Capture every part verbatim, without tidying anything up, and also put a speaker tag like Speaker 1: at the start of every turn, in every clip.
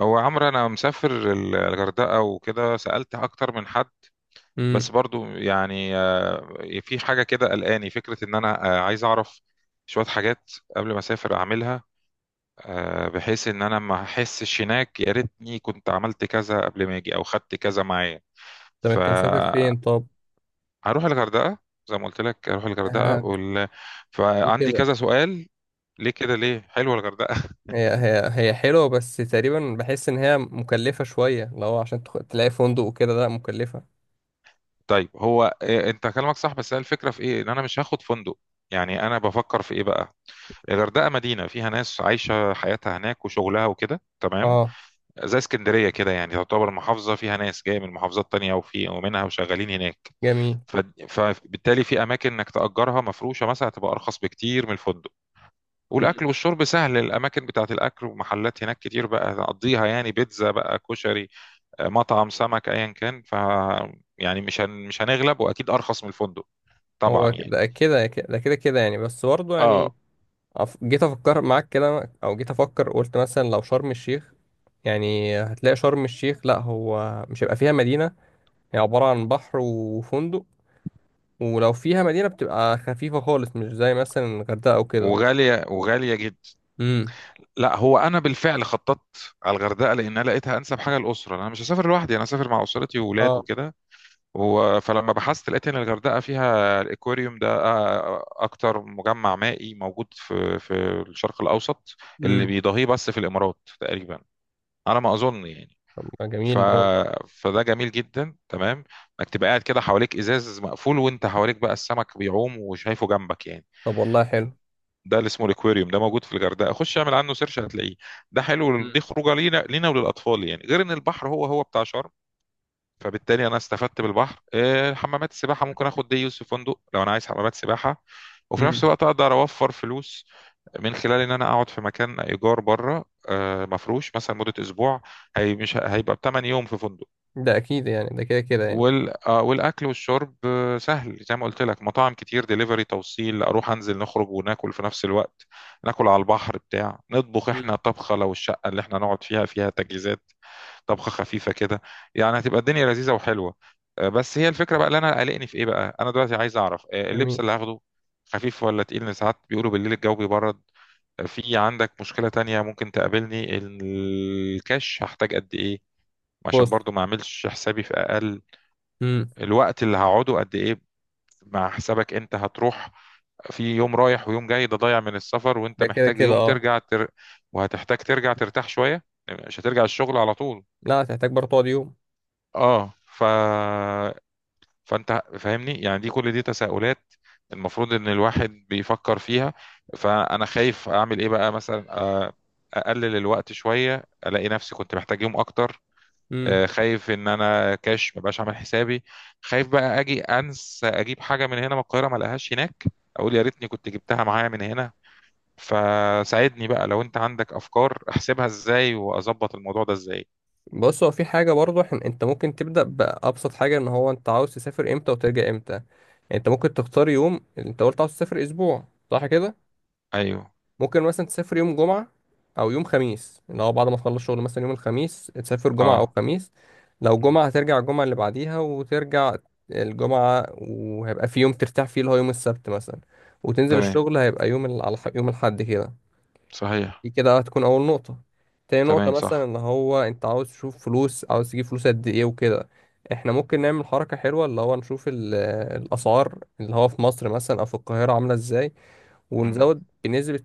Speaker 1: هو عمرو، انا مسافر ال- الغردقه وكده، سالت اكتر من حد.
Speaker 2: امم
Speaker 1: بس برضو يعني، آه، في حاجه كده قلقاني، فكره ان انا آه، عايز اعرف شويه حاجات قبل ما اسافر اعملها، آه، بحيث ان انا ما احسش هناك، يا ريتني كنت عملت كذا قبل ما اجي او خدت كذا معايا.
Speaker 2: طب انت ف- مسافر
Speaker 1: فهروح
Speaker 2: فين، طب؟
Speaker 1: الغردقه، زي ما قلت لك اروح الغردقه
Speaker 2: آه،
Speaker 1: وال...
Speaker 2: دي
Speaker 1: فعندي
Speaker 2: كده.
Speaker 1: كذا سؤال. ليه كده، ليه حلوه الغردقه؟
Speaker 2: هي هي هي حلوه، بس تقريبا بحس ان هي مكلفه شويه لو عشان تخ- تلاقي فندق وكده. لا، مكلفه.
Speaker 1: طيب، هو إيه؟ انت كلامك صح بس هي الفكره في ايه؟ ان انا مش هاخد فندق. يعني انا بفكر في ايه بقى؟ الغردقه مدينه فيها ناس عايشه حياتها هناك وشغلها وكده، تمام.
Speaker 2: اه،
Speaker 1: زي اسكندريه كده، يعني تعتبر محافظه فيها ناس جايه من محافظات تانية، وفي ومنها وشغالين هناك.
Speaker 2: جميل.
Speaker 1: ف- فبالتالي في اماكن انك تاجرها مفروشه مثلا، تبقى ارخص بكتير من الفندق.
Speaker 2: امم.
Speaker 1: والاكل والشرب سهل، الاماكن بتاعت الاكل ومحلات هناك كتير، بقى نقضيها يعني بيتزا بقى كشري، آه، مطعم سمك، ايا كان. ف يعني مش هن... مش هنغلب، واكيد ارخص من الفندق، طبعا
Speaker 2: هو ك-
Speaker 1: يعني.
Speaker 2: ده كده، ده كده كده يعني، بس برضه يعني،
Speaker 1: اه،
Speaker 2: أف- جيت افكر معاك كده، او جيت افكر قلت مثلا لو شرم الشيخ. يعني هتلاقي شرم الشيخ، لا هو مش هيبقى فيها مدينة. هي عبارة عن بحر وفندق. ولو فيها مدينة بتبقى خفيفة خالص، مش زي مثلا الغردقة أو كده.
Speaker 1: وغالية، وغالية جدا.
Speaker 2: امم،
Speaker 1: لا، هو انا بالفعل خططت على الغردقة لان انا لقيتها انسب حاجة الاسرة، انا مش هسافر لوحدي، انا هسافر مع اسرتي وولاد وكده. هو فلما بحثت لقيت ان الغردقة فيها الاكواريوم ده، آه، اكتر مجمع مائي موجود في في الشرق الاوسط، اللي
Speaker 2: امم.
Speaker 1: بيضاهيه بس في الامارات تقريبا، على ما اظن يعني.
Speaker 2: طب، ما
Speaker 1: ف...
Speaker 2: جميل ده والله.
Speaker 1: فده جميل جدا، تمام. انك تبقى قاعد كده حواليك ازاز مقفول، وانت حواليك بقى السمك بيعوم وشايفه جنبك يعني.
Speaker 2: طب والله حلو.
Speaker 1: ده اللي اسمه الاكواريوم، ده موجود في الغردقه. خش اعمل عنه سيرش هتلاقيه. ده حلو،
Speaker 2: امم،
Speaker 1: دي خروجه لينا لينا وللاطفال، يعني غير ان البحر هو هو بتاع شرم. فبالتالي انا استفدت بالبحر، آه، حمامات السباحه ممكن اخد دي يوز في فندق لو انا عايز حمامات سباحه. وفي نفس
Speaker 2: امم.
Speaker 1: الوقت اقدر اوفر فلوس من خلال ان انا اقعد في مكان ايجار بره، آه، مفروش، مثلا مده اسبوع. هي مش هيبقى بثمان يوم في فندق.
Speaker 2: ده اكيد يعني، ده كده كده يعني.
Speaker 1: وال... آه، والاكل والشرب آه، سهل زي ما قلت لك. مطاعم كتير، دليفري توصيل، اروح انزل نخرج وناكل في نفس الوقت. ناكل على البحر، بتاع نطبخ احنا
Speaker 2: امم.
Speaker 1: طبخه لو الشقه اللي احنا نقعد فيها، فيها تجهيزات. طبخه خفيفه كده. يعني هتبقى الدنيا لذيذه وحلوه. آه، بس هي الفكره بقى، اللي انا قلقني في ايه بقى؟ انا دلوقتي عايز اعرف آه، اللبس
Speaker 2: جميل.
Speaker 1: اللي هاخده خفيف ولا تقيل؟ لأن ساعات بيقولوا بالليل الجو بيبرد. آه، في عندك مشكله تانية ممكن تقابلني، الكاش هحتاج قد ايه؟ عشان
Speaker 2: بص.
Speaker 1: برضو ما اعملش حسابي في اقل،
Speaker 2: امم.
Speaker 1: الوقت اللي هقعده قد ايه؟ مع حسابك انت هتروح في يوم رايح ويوم جاي ده ضايع من السفر، وانت
Speaker 2: ده كده
Speaker 1: محتاج
Speaker 2: كده،
Speaker 1: يوم
Speaker 2: اه.
Speaker 1: ترجع تر... وهتحتاج ترجع ترتاح شوية، مش هترجع الشغل على طول.
Speaker 2: لا، هتحتاج برضه تقعد يوم.
Speaker 1: اه. ف فانت فاهمني يعني، دي كل دي تساؤلات المفروض ان الواحد بيفكر فيها. فانا خايف اعمل ايه بقى، مثلا آه، اقلل الوقت شوية الاقي نفسي كنت محتاج يوم اكتر.
Speaker 2: امم.
Speaker 1: آه، خايف ان انا كاش مبقاش عامل حسابي. خايف بقى اجي انسى اجيب حاجه من هنا من القاهره ما الاقيهاش هناك، اقول يا ريتني كنت جبتها معايا من هنا. فساعدني بقى، لو انت عندك افكار احسبها ازاي واظبط الموضوع ده ازاي.
Speaker 2: بص، هو في حاجة برضه حن... انت ممكن تبدأ بأبسط حاجة، ان هو انت عاوز تسافر امتى وترجع امتى يعني. انت ممكن تختار يوم، انت قلت عاوز تسافر اسبوع، صح كده؟
Speaker 1: ايوه.
Speaker 2: ممكن مثلا تسافر يوم جمعة، أو يوم خميس، اللي هو بعد ما تخلص شغل، مثلا يوم الخميس تسافر جمعة أو
Speaker 1: اه.
Speaker 2: خميس. لو
Speaker 1: مم.
Speaker 2: جمعة هترجع الجمعة اللي بعديها، وترجع الجمعة، وهيبقى في يوم ترتاح فيه اللي هو يوم السبت مثلا. وتنزل
Speaker 1: تمام.
Speaker 2: الشغل هيبقى يوم ال... على ح- يوم الأحد كده.
Speaker 1: صحيح.
Speaker 2: دي كده هتكون أول نقطة. تاني نقطة
Speaker 1: تمام.
Speaker 2: مثلا
Speaker 1: صح.
Speaker 2: اللي هو أنت عاوز تشوف فلوس، عاوز تجيب فلوس قد إيه وكده. احنا ممكن نعمل حركة حلوة، اللي هو نشوف ال- الأسعار، اللي هو في مصر مثلا أو في القاهرة، عاملة إزاي.
Speaker 1: مم.
Speaker 2: ونزود بنسبة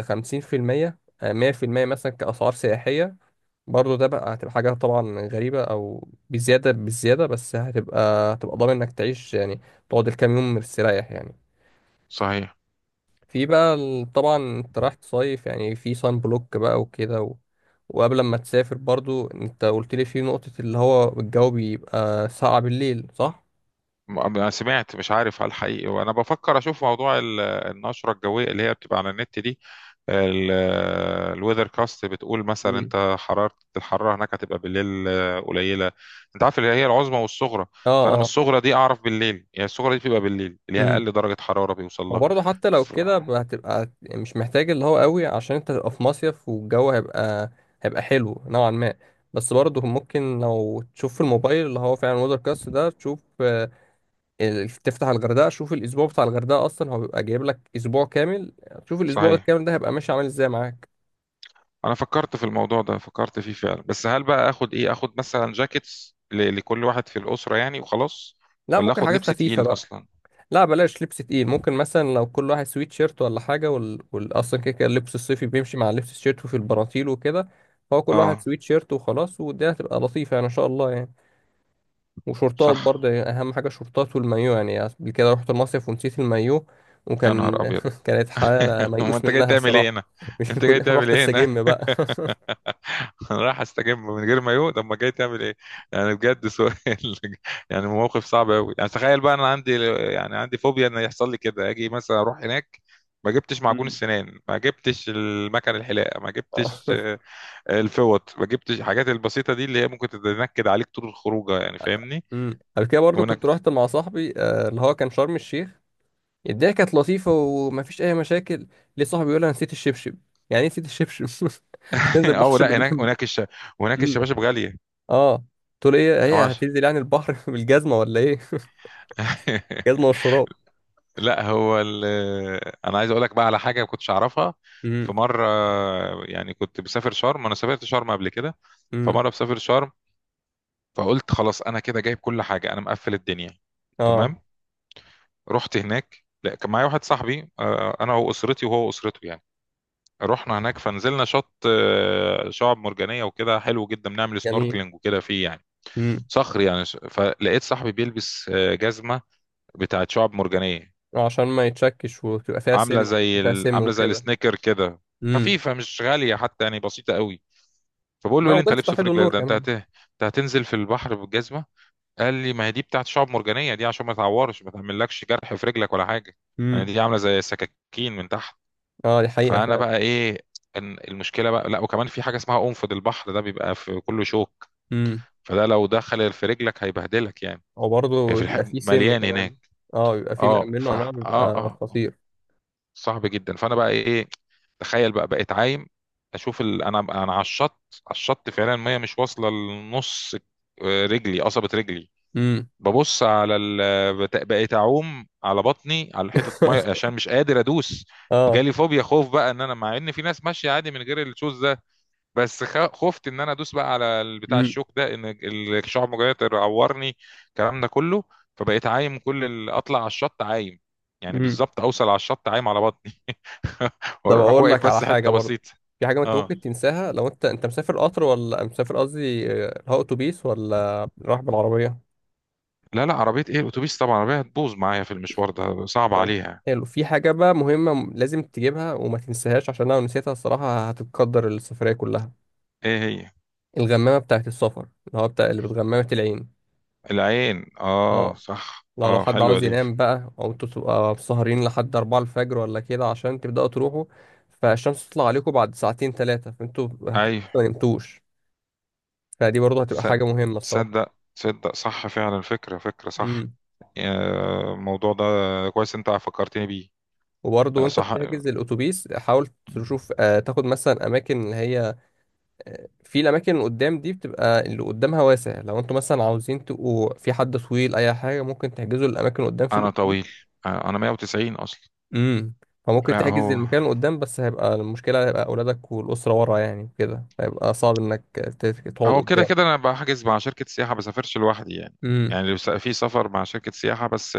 Speaker 2: خمسين في المية، آه، مية في المية مثلا، كأسعار سياحية. برضه ده بقى هتبقى حاجة طبعا غريبة، أو بزيادة، بالزيادة، بس هتبقى هتبقى ضامن إنك تعيش يعني، تقعد الكام يوم مستريح يعني.
Speaker 1: صحيح.
Speaker 2: في بقى ال- طبعا أنت رايح تصيف يعني، في صن بلوك بقى وكده و... وقبل ما تسافر برضو أنت قلت لي في نقطة اللي هو الجو بيبقى ساقع بالليل، صح؟
Speaker 1: م- انا سمعت، مش عارف هل حقيقي، وانا بفكر اشوف موضوع ال- النشره الجويه اللي هي بتبقى على النت دي. الويذر كاست بتقول مثلا،
Speaker 2: مم.
Speaker 1: انت حراره الحراره هناك هتبقى بالليل آه، قليله. انت عارف اللي هي العظمى والصغرى. فانا من
Speaker 2: اه،
Speaker 1: الصغرى دي اعرف بالليل، يعني الصغرى دي بتبقى بالليل، اللي هي
Speaker 2: اه.
Speaker 1: اقل درجه حراره بيوصل لها.
Speaker 2: وبرضه حتى لو
Speaker 1: ف...
Speaker 2: كده ب- هتبقى مش محتاج اللي هو قوي، عشان انت تبقى في مصيف، والجو هيبقى هيبقى حلو نوعا ما. بس برضه ممكن لو تشوف في الموبايل اللي هو فعلا وودر كاست ده، تشوف آه، ال- تفتح الغردقة، شوف الأسبوع بتاع الغردقة، أصلا هو بيبقى جايب لك أسبوع كامل. تشوف الأسبوع
Speaker 1: صحيح.
Speaker 2: الكامل ده هيبقى ماشي عامل ازاي معاك.
Speaker 1: انا فكرت في الموضوع ده، فكرت فيه فعلا، بس هل بقى اخد ايه؟ اخد مثلا جاكيتس ل... لكل واحد في الاسره يعني، وخلاص؟
Speaker 2: لا،
Speaker 1: ولا
Speaker 2: ممكن
Speaker 1: اخد
Speaker 2: حاجات
Speaker 1: لبس
Speaker 2: خفيفة
Speaker 1: تقيل
Speaker 2: بقى.
Speaker 1: اصلا؟
Speaker 2: لا بلاش لبس تقيل، ممكن مثلا لو كل واحد سويت شيرت ولا حاجة، وال... وال... أصلا كده كده اللبس الصيفي بيمشي مع اللبس الشيرت وفي البناطيل وكده. فهو كل واحد
Speaker 1: اه
Speaker 2: سويت شيرت وخلاص، والدنيا هتبقى لطيفة يعني، إن شاء الله يعني. وشورتات
Speaker 1: صح.
Speaker 2: برضه يعني، أهم حاجة شورتات والمايو يعني. قبل كده رحت المصيف ونسيت المايو.
Speaker 1: يا
Speaker 2: وكان
Speaker 1: نهار ابيض!
Speaker 2: كانت حالة
Speaker 1: هو
Speaker 2: ميؤوس
Speaker 1: انت جاي
Speaker 2: منها
Speaker 1: تعمل ايه
Speaker 2: الصراحة.
Speaker 1: هنا؟
Speaker 2: مش
Speaker 1: انت جاي
Speaker 2: كل
Speaker 1: تعمل
Speaker 2: رحت
Speaker 1: ايه هنا؟
Speaker 2: استجم بقى.
Speaker 1: انا رايح استجم من غير مايو، طب ما جاي تعمل ايه؟ يعني بجد سؤال! يعني موقف صعب قوي. يعني تخيل بقى انا عندي، يعني عندي فوبيا ان يحصل لي كده، اجي مثلا اروح هناك، ما جبتش معجون
Speaker 2: مم.
Speaker 1: السنان، ما جبتش المكن الحلاقه، ما جبتش
Speaker 2: آه.
Speaker 1: آه، الفوط، ما جبتش الحاجات البسيطه دي اللي هي ممكن تتنكد عليك طول الخروجه، يعني فاهمني.
Speaker 2: أمم. قبل كده برضه كنت
Speaker 1: وهناك.
Speaker 2: رحت مع صاحبي، آه، اللي هو كان شرم الشيخ. الدنيا كانت لطيفة ومفيش أي مشاكل. ليه صاحبي يقول أنا نسيت الشبشب؟ يعني إيه نسيت الشبشب؟ هتنزل بحر
Speaker 1: اه لا،
Speaker 2: شبشب
Speaker 1: هناك
Speaker 2: جنبي؟
Speaker 1: هناك الش... هناك
Speaker 2: امم.
Speaker 1: الشباشب غاليه.
Speaker 2: أه. تقول إيه؟
Speaker 1: يا
Speaker 2: هي
Speaker 1: باشا!
Speaker 2: هتنزل يعني البحر بالجزمة ولا إيه؟ الجزمة والشراب.
Speaker 1: لا، هو ال... آه، انا عايز اقول لك بقى على حاجه ما كنتش اعرفها. في
Speaker 2: امم،
Speaker 1: مره آه، يعني كنت بسافر شرم، انا سافرت شرم قبل كده.
Speaker 2: امم،
Speaker 1: فمره بسافر شرم، فقلت خلاص انا كده جايب كل حاجه، انا مقفل الدنيا.
Speaker 2: أه،
Speaker 1: تمام. رحت هناك، لا كان معايا واحد صاحبي آه، انا واسرتي وهو اسرته يعني. رحنا هناك فنزلنا شط آه، شعاب مرجانيه وكده، حلو جدا، بنعمل
Speaker 2: جميل.
Speaker 1: سنوركلينج وكده فيه يعني.
Speaker 2: امم.
Speaker 1: صخر يعني. فلقيت صاحبي بيلبس آه، جزمه بتاعت شعاب مرجانيه،
Speaker 2: عشان ما يتشكش، وتبقى فيها سم،
Speaker 1: عامله زي
Speaker 2: وتبقى فيها
Speaker 1: ال...
Speaker 2: سم
Speaker 1: عامله زي
Speaker 2: وكده.
Speaker 1: السنيكر كده،
Speaker 2: امم.
Speaker 1: خفيفه، مش غاليه حتى يعني، بسيطه قوي. فبقول له ايه
Speaker 2: ما
Speaker 1: اللي انت
Speaker 2: وجدت في
Speaker 1: لابسه في
Speaker 2: توحيد النور
Speaker 1: رجلك ده؟ انت
Speaker 2: كمان.
Speaker 1: هت... انت هتنزل في البحر بالجزمه؟ قال لي ما هي دي بتاعت شعب مرجانيه دي، عشان ما تعورش ما تعملكش جرح في رجلك ولا حاجه. يعني
Speaker 2: امم.
Speaker 1: دي عامله زي سكاكين من تحت.
Speaker 2: أه، دي حقيقة
Speaker 1: فانا
Speaker 2: فعلا.
Speaker 1: بقى ايه؟ ان المشكله بقى لا، وكمان في حاجه اسمها قنفذ البحر، ده بيبقى في كله شوك.
Speaker 2: امم.
Speaker 1: فده لو دخل في رجلك هيبهدلك يعني. هي في
Speaker 2: وبرضه
Speaker 1: الح...
Speaker 2: بيبقى فيه سم
Speaker 1: مليان
Speaker 2: كمان.
Speaker 1: هناك.
Speaker 2: أه، بيبقى فيه
Speaker 1: اه.
Speaker 2: منه
Speaker 1: ف اه
Speaker 2: أنواع بيبقى
Speaker 1: اه
Speaker 2: خطير.
Speaker 1: صعب جدا. فانا بقى ايه؟ تخيل بقى بقيت عايم اشوف ال... انا انا على الشط، على الشط فعلا، الميه مش واصله لنص، آه، رجلي، قصبه رجلي.
Speaker 2: امم.
Speaker 1: ببص على ال... بت- بقيت اعوم على بطني على حته ميه عشان مش قادر ادوس.
Speaker 2: أه.
Speaker 1: جالي فوبيا، خوف بقى، ان انا مع ان في ناس ماشيه عادي من غير الشوز ده، بس خ... خفت ان انا ادوس بقى على بتاع الشوك ده، ان الشعب المرجانيه تعورني، الكلام ده كله. فبقيت عايم، كل ال... اطلع على الشط عايم، يعني
Speaker 2: امم.
Speaker 1: بالظبط اوصل على الشط عايم على بطني.
Speaker 2: طب
Speaker 1: واروح
Speaker 2: اقول لك
Speaker 1: واقف
Speaker 2: على
Speaker 1: بس
Speaker 2: حاجه
Speaker 1: حته
Speaker 2: برضه.
Speaker 1: بسيطه.
Speaker 2: في حاجه ما انت
Speaker 1: اه،
Speaker 2: ممكن تنساها، لو انت انت مسافر قطر، ولا مسافر، قصدي آه، هو اتوبيس ولا رايح بالعربيه.
Speaker 1: لا لا، عربيه ايه الاتوبيس؟ طبعا العربيه هتبوظ معايا في المشوار، ده صعب
Speaker 2: طبعا،
Speaker 1: عليها.
Speaker 2: حلو. في حاجه بقى مهمه م- لازم تجيبها وما تنساهاش، عشان لو نسيتها الصراحه هتتقدر السفريه كلها.
Speaker 1: ايه هي؟
Speaker 2: الغمامه بتاعه السفر، اللي هو بتاع اللي بتغمامه العين.
Speaker 1: العين، اه
Speaker 2: اه،
Speaker 1: صح.
Speaker 2: لو لو
Speaker 1: اه
Speaker 2: حد
Speaker 1: حلوه
Speaker 2: عاوز
Speaker 1: دي.
Speaker 2: ينام بقى، او انتوا تبقى سهرين لحد اربعه الفجر ولا كده عشان تبداوا تروحوا، فالشمس تطلع عليكم بعد ساعتين ثلاثه، فانتوا هتبقوا
Speaker 1: ايوه.
Speaker 2: ما نمتوش. فدي برضه هتبقى حاجه
Speaker 1: صد-
Speaker 2: مهمه الصراحه.
Speaker 1: تصدق، تصدق، صح فعلا. فكره فكره، صح.
Speaker 2: مم.
Speaker 1: آه، الموضوع ده كويس، انت فكرتني بيه.
Speaker 2: وبرضه
Speaker 1: لا
Speaker 2: وانت
Speaker 1: صح.
Speaker 2: بتحجز الاتوبيس، حاول تشوف آه تاخد مثلا اماكن اللي هي، آه، في الاماكن اللي قدام دي بتبقى اللي قدامها واسع. لو انتوا مثلا عاوزين تبقوا، في حد طويل اي حاجه، ممكن تحجزوا الاماكن اللي قدام في
Speaker 1: انا
Speaker 2: الاتوبيس.
Speaker 1: طويل، انا مية وتسعين اصلا.
Speaker 2: امم. فممكن
Speaker 1: لا،
Speaker 2: تحجز
Speaker 1: هو
Speaker 2: المكان اللي قدام، بس هيبقى المشكله، هيبقى اولادك والاسره ورا، يعني كده هيبقى صعب انك ت- تقعد
Speaker 1: هو كده
Speaker 2: قدام.
Speaker 1: كده، انا بحجز مع شركه سياحه، بسافرش لوحدي يعني.
Speaker 2: امم،
Speaker 1: يعني لو س- في سفر مع شركه سياحه بس.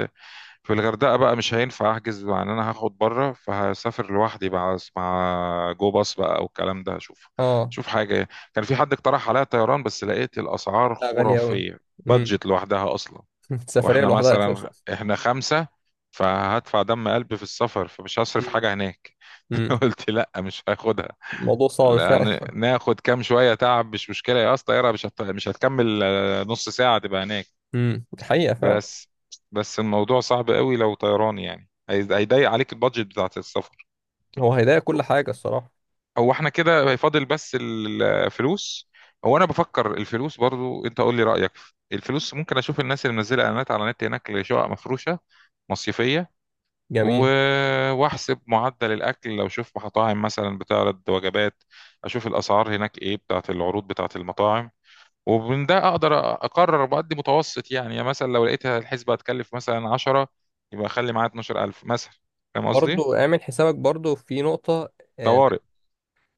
Speaker 1: في الغردقة بقى مش هينفع أحجز، مع إن أنا هاخد بره، فهسافر لوحدي بقى أس- مع جو باص بقى أو الكلام ده، هشوف.
Speaker 2: اه.
Speaker 1: شوف حاجة. كان في حد اقترح عليا طيران بس لقيت الأسعار
Speaker 2: لا، غاليه قوي.
Speaker 1: خرافية.
Speaker 2: امم.
Speaker 1: بادجت لوحدها أصلا.
Speaker 2: السفريه
Speaker 1: وإحنا
Speaker 2: لوحدها اساسا.
Speaker 1: مثلا إحنا خمسة. فهدفع دم قلبي في السفر، فمش هصرف
Speaker 2: امم،
Speaker 1: حاجة هناك.
Speaker 2: امم.
Speaker 1: قلت لا، مش هاخدها.
Speaker 2: الموضوع صعب
Speaker 1: لأن
Speaker 2: فعلا.
Speaker 1: ناخد كام شوية تعب مش مشكلة يا، أصلا طيارة مش هت... مش هتكمل آه، نص ساعة تبقى هناك.
Speaker 2: امم. دي حقيقه فعلا.
Speaker 1: بس بس الموضوع صعب قوي لو طيران يعني، هي- هيضيق عليك البادجت بتاعت السفر.
Speaker 2: هو هيضايق كل حاجه الصراحه.
Speaker 1: هو احنا كده هيفاضل بس الفلوس. هو انا بفكر الفلوس برضو، انت قول لي رأيك. الفلوس ممكن اشوف الناس اللي منزله اعلانات على النت هناك لشقق مفروشه مصيفيه، و...
Speaker 2: جميل.
Speaker 1: واحسب معدل الاكل لو اشوف مطاعم مثلا بتعرض وجبات، اشوف الاسعار هناك ايه بتاعت العروض بتاعت المطاعم. ومن ده اقدر اقرر بقدي متوسط يعني. يعني مثلا لو لقيت الحسبة هتكلف مثلا عشرة، يبقى اخلي معايا اتناشر الف مثلا، فاهم قصدي؟
Speaker 2: برضو اعمل حسابك برضو في نقطة، آه، انك.
Speaker 1: طوارئ.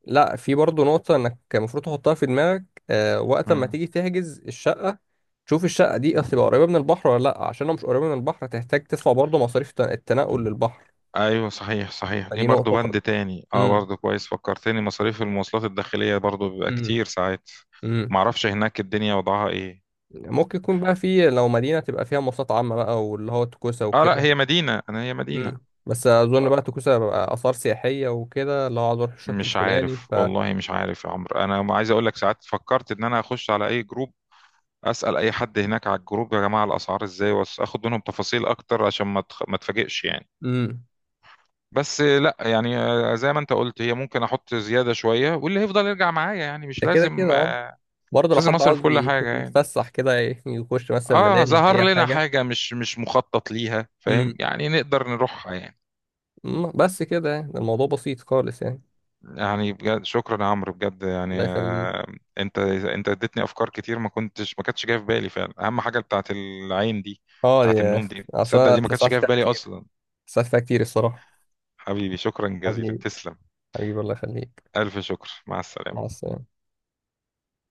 Speaker 2: لا، في برضو نقطة انك المفروض تحطها في دماغك، آه، وقت ما
Speaker 1: مم.
Speaker 2: تيجي تحجز الشقة. تشوف الشقة دي هتبقى قريبة من البحر ولا لا، عشان لو مش قريبة من البحر هتحتاج تدفع برضو مصاريف الت- التنقل للبحر.
Speaker 1: ايوه صحيح، صحيح، دي
Speaker 2: فدي
Speaker 1: برضو
Speaker 2: نقطة برضو.
Speaker 1: بند تاني. اه،
Speaker 2: امم،
Speaker 1: برضو كويس فكرتني، مصاريف المواصلات الداخلية برضو بيبقى
Speaker 2: امم،
Speaker 1: كتير ساعات.
Speaker 2: امم.
Speaker 1: معرفش هناك الدنيا وضعها ايه.
Speaker 2: ممكن يكون بقى في، لو مدينة تبقى فيها مواصلات عامة بقى، واللي هو توكوسة
Speaker 1: اه لا،
Speaker 2: وكده.
Speaker 1: هي مدينة انا، هي
Speaker 2: امم.
Speaker 1: مدينة.
Speaker 2: بس اظن بقى توكوسة بقى آثار سياحية وكده، لو عايز اروح الشط
Speaker 1: مش
Speaker 2: الفلاني
Speaker 1: عارف،
Speaker 2: ف.
Speaker 1: والله مش عارف يا عمرو. انا عايز اقول لك، ساعات فكرت ان انا اخش على اي جروب، اسال اي حد هناك على الجروب، يا جماعه الاسعار ازاي، واخد منهم تفاصيل اكتر، عشان ما تخ... ما تفاجئش يعني.
Speaker 2: امم.
Speaker 1: بس لا يعني، آه، زي ما انت قلت، هي ممكن احط زياده شويه، واللي هيفضل يرجع معايا يعني. مش
Speaker 2: ده كده
Speaker 1: لازم
Speaker 2: كده، اه.
Speaker 1: آه،
Speaker 2: برضه
Speaker 1: مش
Speaker 2: لو
Speaker 1: لازم
Speaker 2: حد
Speaker 1: اصرف
Speaker 2: عاوز
Speaker 1: كل
Speaker 2: ي-
Speaker 1: حاجه يعني.
Speaker 2: يتفسح كده، ي- يخش مثلا
Speaker 1: اه،
Speaker 2: ملاهي
Speaker 1: ظهر
Speaker 2: أي
Speaker 1: لنا
Speaker 2: حاجة.
Speaker 1: حاجه مش مش مخطط ليها، فاهم
Speaker 2: امم.
Speaker 1: يعني، نقدر نروحها يعني.
Speaker 2: أمم، بس كده يعني الموضوع بسيط خالص يعني.
Speaker 1: يعني بجد شكرا يا عمرو، بجد يعني
Speaker 2: الله يخليك.
Speaker 1: آه، انت انت اديتني افكار كتير، ما كنتش ما كانتش جايه في بالي فعلا. اهم حاجه بتاعت العين دي،
Speaker 2: اه،
Speaker 1: بتاعت
Speaker 2: يا.
Speaker 1: النوم دي،
Speaker 2: عشان
Speaker 1: تصدق
Speaker 2: أنا
Speaker 1: دي ما كانتش
Speaker 2: اتلسعت
Speaker 1: جايه في
Speaker 2: فيها
Speaker 1: بالي
Speaker 2: كتير،
Speaker 1: اصلا.
Speaker 2: اتلسعت فيها كتير الصراحة.
Speaker 1: حبيبي شكرا جزيلا،
Speaker 2: حبيبي.
Speaker 1: تسلم.
Speaker 2: حبيبي، الله يخليك.
Speaker 1: ألف شكر، مع السلامة.
Speaker 2: مع السلامة.